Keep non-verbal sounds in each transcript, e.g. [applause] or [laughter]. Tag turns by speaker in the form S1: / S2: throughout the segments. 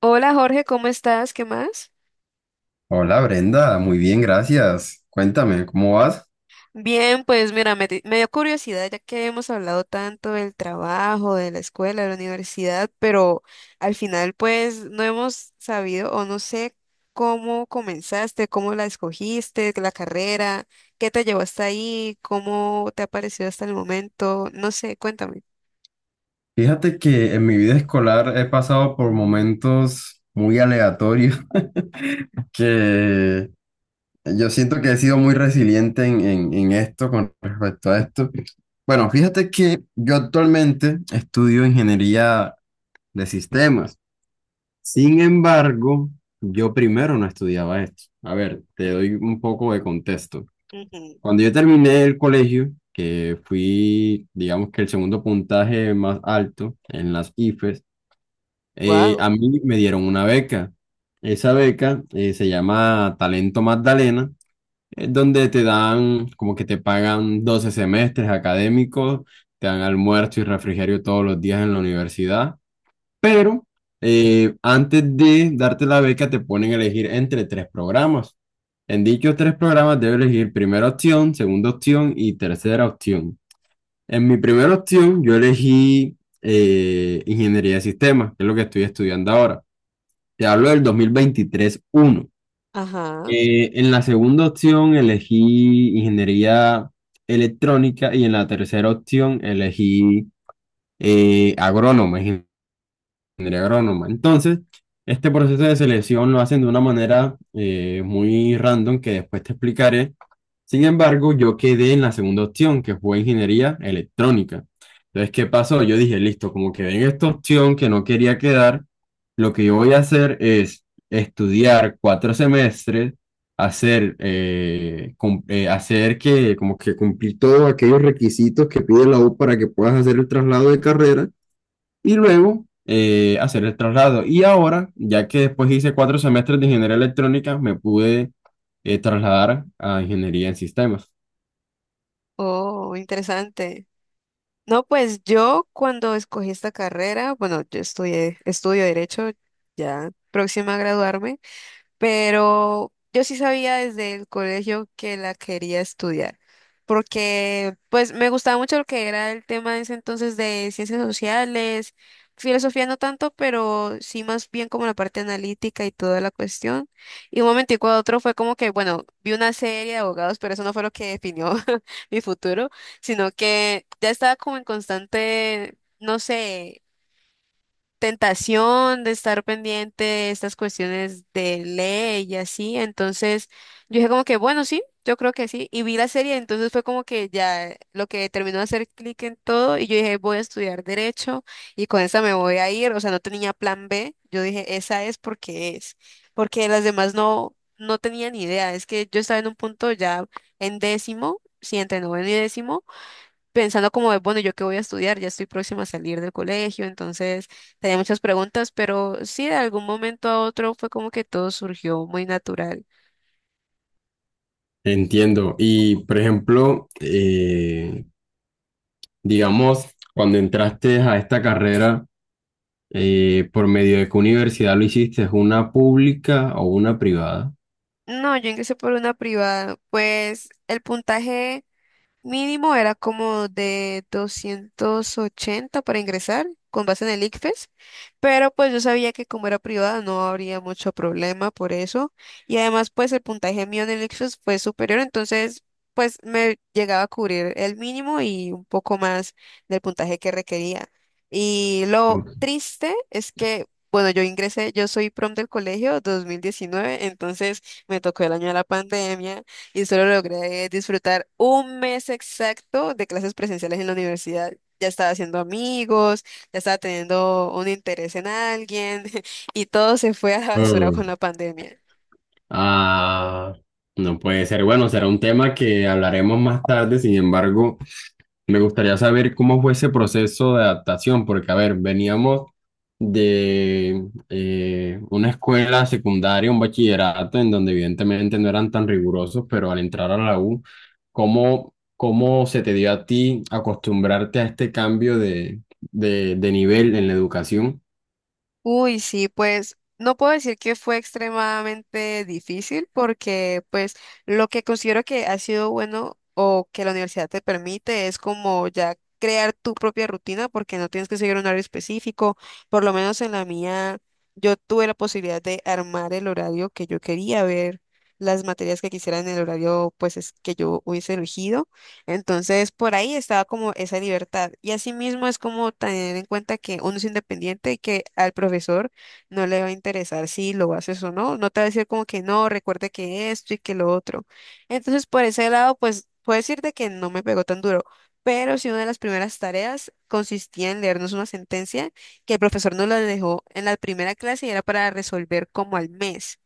S1: Hola Jorge, ¿cómo estás? ¿Qué más?
S2: Hola Brenda, muy bien, gracias. Cuéntame, ¿cómo vas?
S1: Bien, pues mira, me dio curiosidad ya que hemos hablado tanto del trabajo, de la escuela, de la universidad, pero al final pues no hemos sabido o no sé cómo comenzaste, cómo la escogiste, la carrera, qué te llevó hasta ahí, cómo te ha parecido hasta el momento, no sé, cuéntame.
S2: Fíjate que en mi vida escolar he pasado por momentos muy aleatorios [laughs] que yo siento que he sido muy resiliente en esto con respecto a esto. Bueno, fíjate que yo actualmente estudio ingeniería de sistemas. Sin embargo, yo primero no estudiaba esto. A ver, te doy un poco de contexto. Cuando yo terminé el colegio, que fui, digamos que el segundo puntaje más alto en las IFES,
S1: Wow.
S2: a mí me dieron una beca. Esa beca se llama Talento Magdalena, es donde te dan, como que te pagan 12 semestres académicos, te dan almuerzo y refrigerio todos los días en la universidad, pero antes de darte la beca te ponen a elegir entre tres programas. En dichos tres programas debes elegir primera opción, segunda opción y tercera opción. En mi primera opción yo elegí ingeniería de sistemas, que es lo que estoy estudiando ahora. Te hablo del 2023-1.
S1: Ajá.
S2: En la segunda opción elegí ingeniería electrónica y en la tercera opción elegí agrónoma, ingeniería agrónoma. Entonces, este proceso de selección lo hacen de una manera muy random que después te explicaré. Sin embargo, yo quedé en la segunda opción, que fue ingeniería electrónica. Entonces, ¿qué pasó? Yo dije, listo, como quedé en esta opción que no quería quedar, lo que yo voy a hacer es estudiar cuatro semestres, hacer, hacer que, como que cumplir todos aquellos requisitos que pide la U para que puedas hacer el traslado de carrera y luego hacer el traslado. Y ahora, ya que después hice cuatro semestres de ingeniería electrónica, me pude trasladar a ingeniería en sistemas.
S1: Oh, interesante. No, pues yo cuando escogí esta carrera, bueno, yo estudié, estudio derecho, ya próxima a graduarme, pero yo sí sabía desde el colegio que la quería estudiar, porque pues me gustaba mucho lo que era el tema de ese entonces de ciencias sociales, filosofía no tanto, pero sí más bien como la parte analítica y toda la cuestión. Y un momentico a otro fue como que, bueno, vi una serie de abogados, pero eso no fue lo que definió [laughs] mi futuro, sino que ya estaba como en constante, no sé, tentación de estar pendiente de estas cuestiones de ley y así. Entonces yo dije como que, bueno, sí, yo creo que sí. Y vi la serie, entonces fue como que ya lo que terminó de hacer clic en todo y yo dije, voy a estudiar derecho y con esa me voy a ir. O sea, no tenía plan B. Yo dije, esa es. Porque las demás no, no tenía ni idea. Es que yo estaba en un punto ya en décimo, sí, entre noveno y décimo, pensando como de, bueno, ¿yo qué voy a estudiar? Ya estoy próxima a salir del colegio, entonces tenía muchas preguntas, pero sí, de algún momento a otro fue como que todo surgió muy natural.
S2: Entiendo. Y, por ejemplo, digamos, cuando entraste a esta carrera, ¿por medio de qué universidad lo hiciste? ¿Una pública o una privada?
S1: No, yo ingresé por una privada, pues el puntaje mínimo era como de 280 para ingresar con base en el ICFES, pero pues yo sabía que como era privada no habría mucho problema por eso, y además pues el puntaje mío en el ICFES fue superior, entonces pues me llegaba a cubrir el mínimo y un poco más del puntaje que requería. Y lo
S2: Ok.
S1: triste es que, bueno, yo ingresé, yo soy prom del colegio 2019, entonces me tocó el año de la pandemia y solo logré disfrutar un mes exacto de clases presenciales en la universidad. Ya estaba haciendo amigos, ya estaba teniendo un interés en alguien, [laughs] y todo se fue a la basura con
S2: Mm.
S1: la pandemia.
S2: Ah, no puede ser. Bueno, será un tema que hablaremos más tarde. Sin embargo, me gustaría saber cómo fue ese proceso de adaptación, porque, a ver, veníamos de una escuela secundaria, un bachillerato, en donde evidentemente no eran tan rigurosos, pero al entrar a la U, ¿cómo se te dio a ti acostumbrarte a este cambio de nivel en la educación?
S1: Uy, sí, pues no puedo decir que fue extremadamente difícil, porque pues lo que considero que ha sido bueno o que la universidad te permite es como ya crear tu propia rutina porque no tienes que seguir un horario específico. Por lo menos en la mía yo tuve la posibilidad de armar el horario que yo quería, ver las materias que quisiera en el horario pues es que yo hubiese elegido. Entonces, por ahí estaba como esa libertad. Y asimismo es como tener en cuenta que uno es independiente y que al profesor no le va a interesar si lo haces o no. No te va a decir como que no, recuerde que esto y que lo otro. Entonces, por ese lado, pues puedo decirte que no me pegó tan duro. Pero sí, una de las primeras tareas consistía en leernos una sentencia que el profesor nos la dejó en la primera clase y era para resolver como al mes.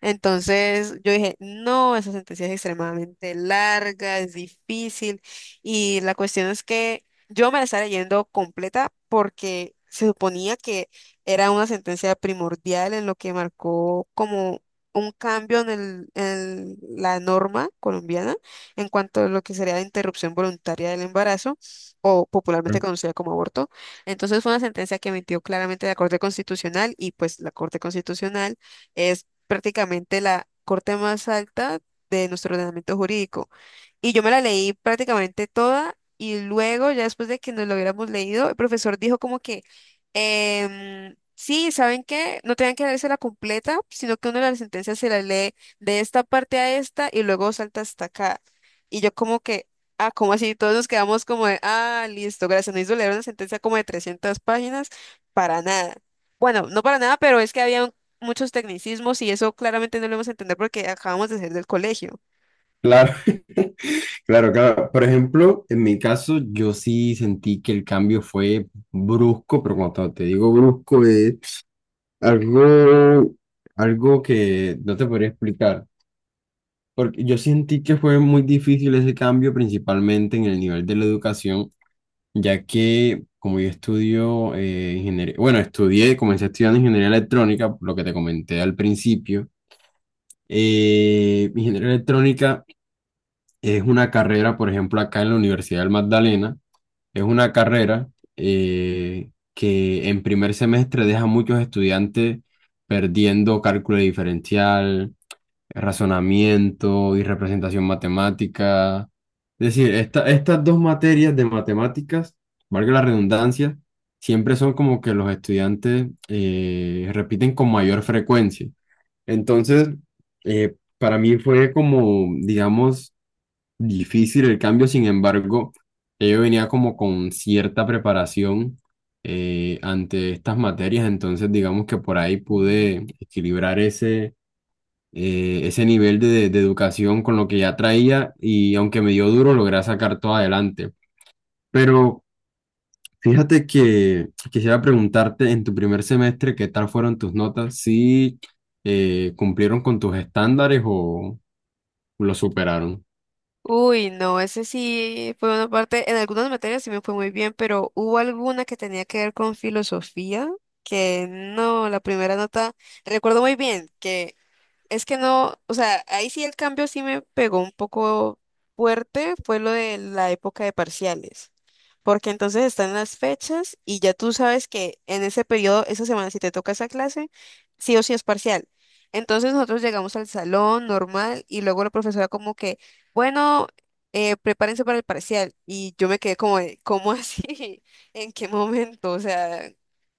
S1: Entonces yo dije, no, esa sentencia es extremadamente larga, es difícil, y la cuestión es que yo me la estaba leyendo completa porque se suponía que era una sentencia primordial en lo que marcó como un cambio en el, en la norma colombiana en cuanto a lo que sería la interrupción voluntaria del embarazo o popularmente conocida como aborto. Entonces fue una sentencia que emitió claramente la Corte Constitucional, y pues la Corte Constitucional es prácticamente la corte más alta de nuestro ordenamiento jurídico. Y yo me la leí prácticamente toda y luego, ya después de que nos lo hubiéramos leído, el profesor dijo como que, sí, ¿saben qué? No tengan que leerse la completa, sino que una de las sentencias se la lee de esta parte a esta y luego salta hasta acá. Y yo como que, ah, ¿cómo así? Todos nos quedamos como de, ah, listo, gracias, no hizo leer una sentencia como de 300 páginas, para nada. Bueno, no para nada, pero es que había muchos tecnicismos y eso claramente no lo vamos a entender porque acabamos de salir del colegio.
S2: Claro, [laughs] claro, claro. Por ejemplo, en mi caso, yo sí sentí que el cambio fue brusco, pero cuando te digo brusco es Algo, algo que no te podría explicar, porque yo sentí que fue muy difícil ese cambio, principalmente en el nivel de la educación, ya que como yo estudio ingeniería, bueno, estudié, comencé estudiando ingeniería electrónica, lo que te comenté al principio. Ingeniería electrónica es una carrera, por ejemplo, acá en la Universidad del Magdalena. Es una carrera que en primer semestre deja a muchos estudiantes perdiendo cálculo diferencial, razonamiento y representación matemática. Es decir, estas dos materias de matemáticas, valga la redundancia, siempre son como que los estudiantes repiten con mayor frecuencia. Entonces, para mí fue como, digamos, difícil el cambio. Sin embargo, yo venía como con cierta preparación ante estas materias, entonces digamos que por ahí pude equilibrar ese, ese nivel de educación con lo que ya traía, y aunque me dio duro, logré sacar todo adelante. Pero fíjate que quisiera preguntarte, en tu primer semestre, ¿qué tal fueron tus notas? ¿Si cumplieron con tus estándares o lo superaron?
S1: Uy, no, ese sí fue una parte, en algunas materias sí me fue muy bien, pero hubo alguna que tenía que ver con filosofía, que no, la primera nota, recuerdo muy bien que, es que no, o sea, ahí sí el cambio sí me pegó un poco fuerte, fue lo de la época de parciales, porque entonces están las fechas y ya tú sabes que en ese periodo, esa semana, si te toca esa clase, sí o sí es parcial. Entonces nosotros llegamos al salón normal y luego la profesora como que, bueno, prepárense para el parcial, y yo me quedé como, de, ¿cómo así? [laughs] ¿En qué momento? O sea,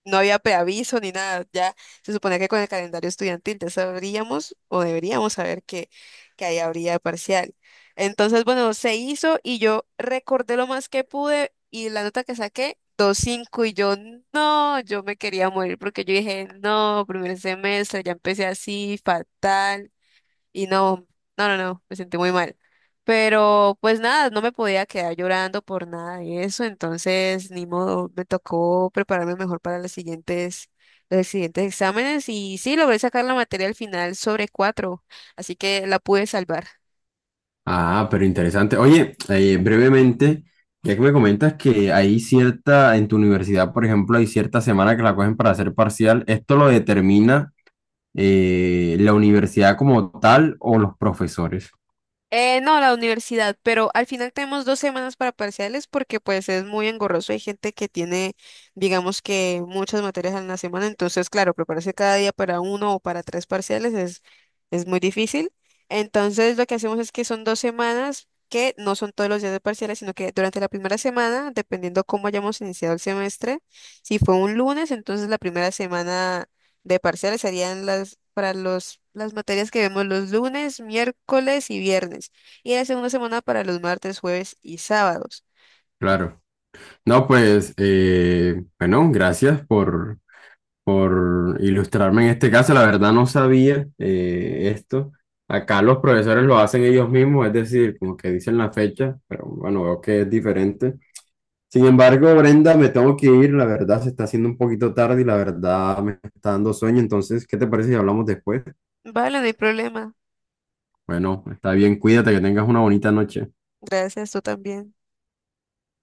S1: no había preaviso ni nada, ya. Se supone que con el calendario estudiantil ya sabríamos o deberíamos saber que ahí habría parcial. Entonces, bueno, se hizo y yo recordé lo más que pude y la nota que saqué, 2,5, y yo no, yo me quería morir porque yo dije, no, primer semestre, ya empecé así, fatal. Y no, no, no, no, me sentí muy mal. Pero pues nada, no me podía quedar llorando por nada de eso, entonces ni modo, me tocó prepararme mejor para los siguientes exámenes, y sí, logré sacar la materia al final sobre cuatro, así que la pude salvar.
S2: Ah, pero interesante. Oye, brevemente, ya que me comentas que hay cierta, en tu universidad, por ejemplo, hay cierta semana que la cogen para hacer parcial, ¿esto lo determina la universidad como tal o los profesores?
S1: No, la universidad, pero al final tenemos dos semanas para parciales porque pues es muy engorroso. Hay gente que tiene, digamos, que muchas materias en la semana, entonces claro, prepararse cada día para uno o para tres parciales es muy difícil. Entonces lo que hacemos es que son dos semanas que no son todos los días de parciales, sino que durante la primera semana, dependiendo cómo hayamos iniciado el semestre, si fue un lunes, entonces la primera semana de parciales serían las para los las materias que vemos los lunes, miércoles y viernes, y la segunda semana para los martes, jueves y sábados.
S2: Claro. No, pues, bueno, gracias por ilustrarme en este caso. La verdad no sabía esto. Acá los profesores lo hacen ellos mismos, es decir, como que dicen la fecha, pero bueno, veo que es diferente. Sin embargo, Brenda, me tengo que ir, la verdad se está haciendo un poquito tarde y la verdad me está dando sueño, entonces, ¿qué te parece si hablamos después?
S1: Vale, no hay problema.
S2: Bueno, está bien, cuídate, que tengas una bonita noche.
S1: Gracias, tú también.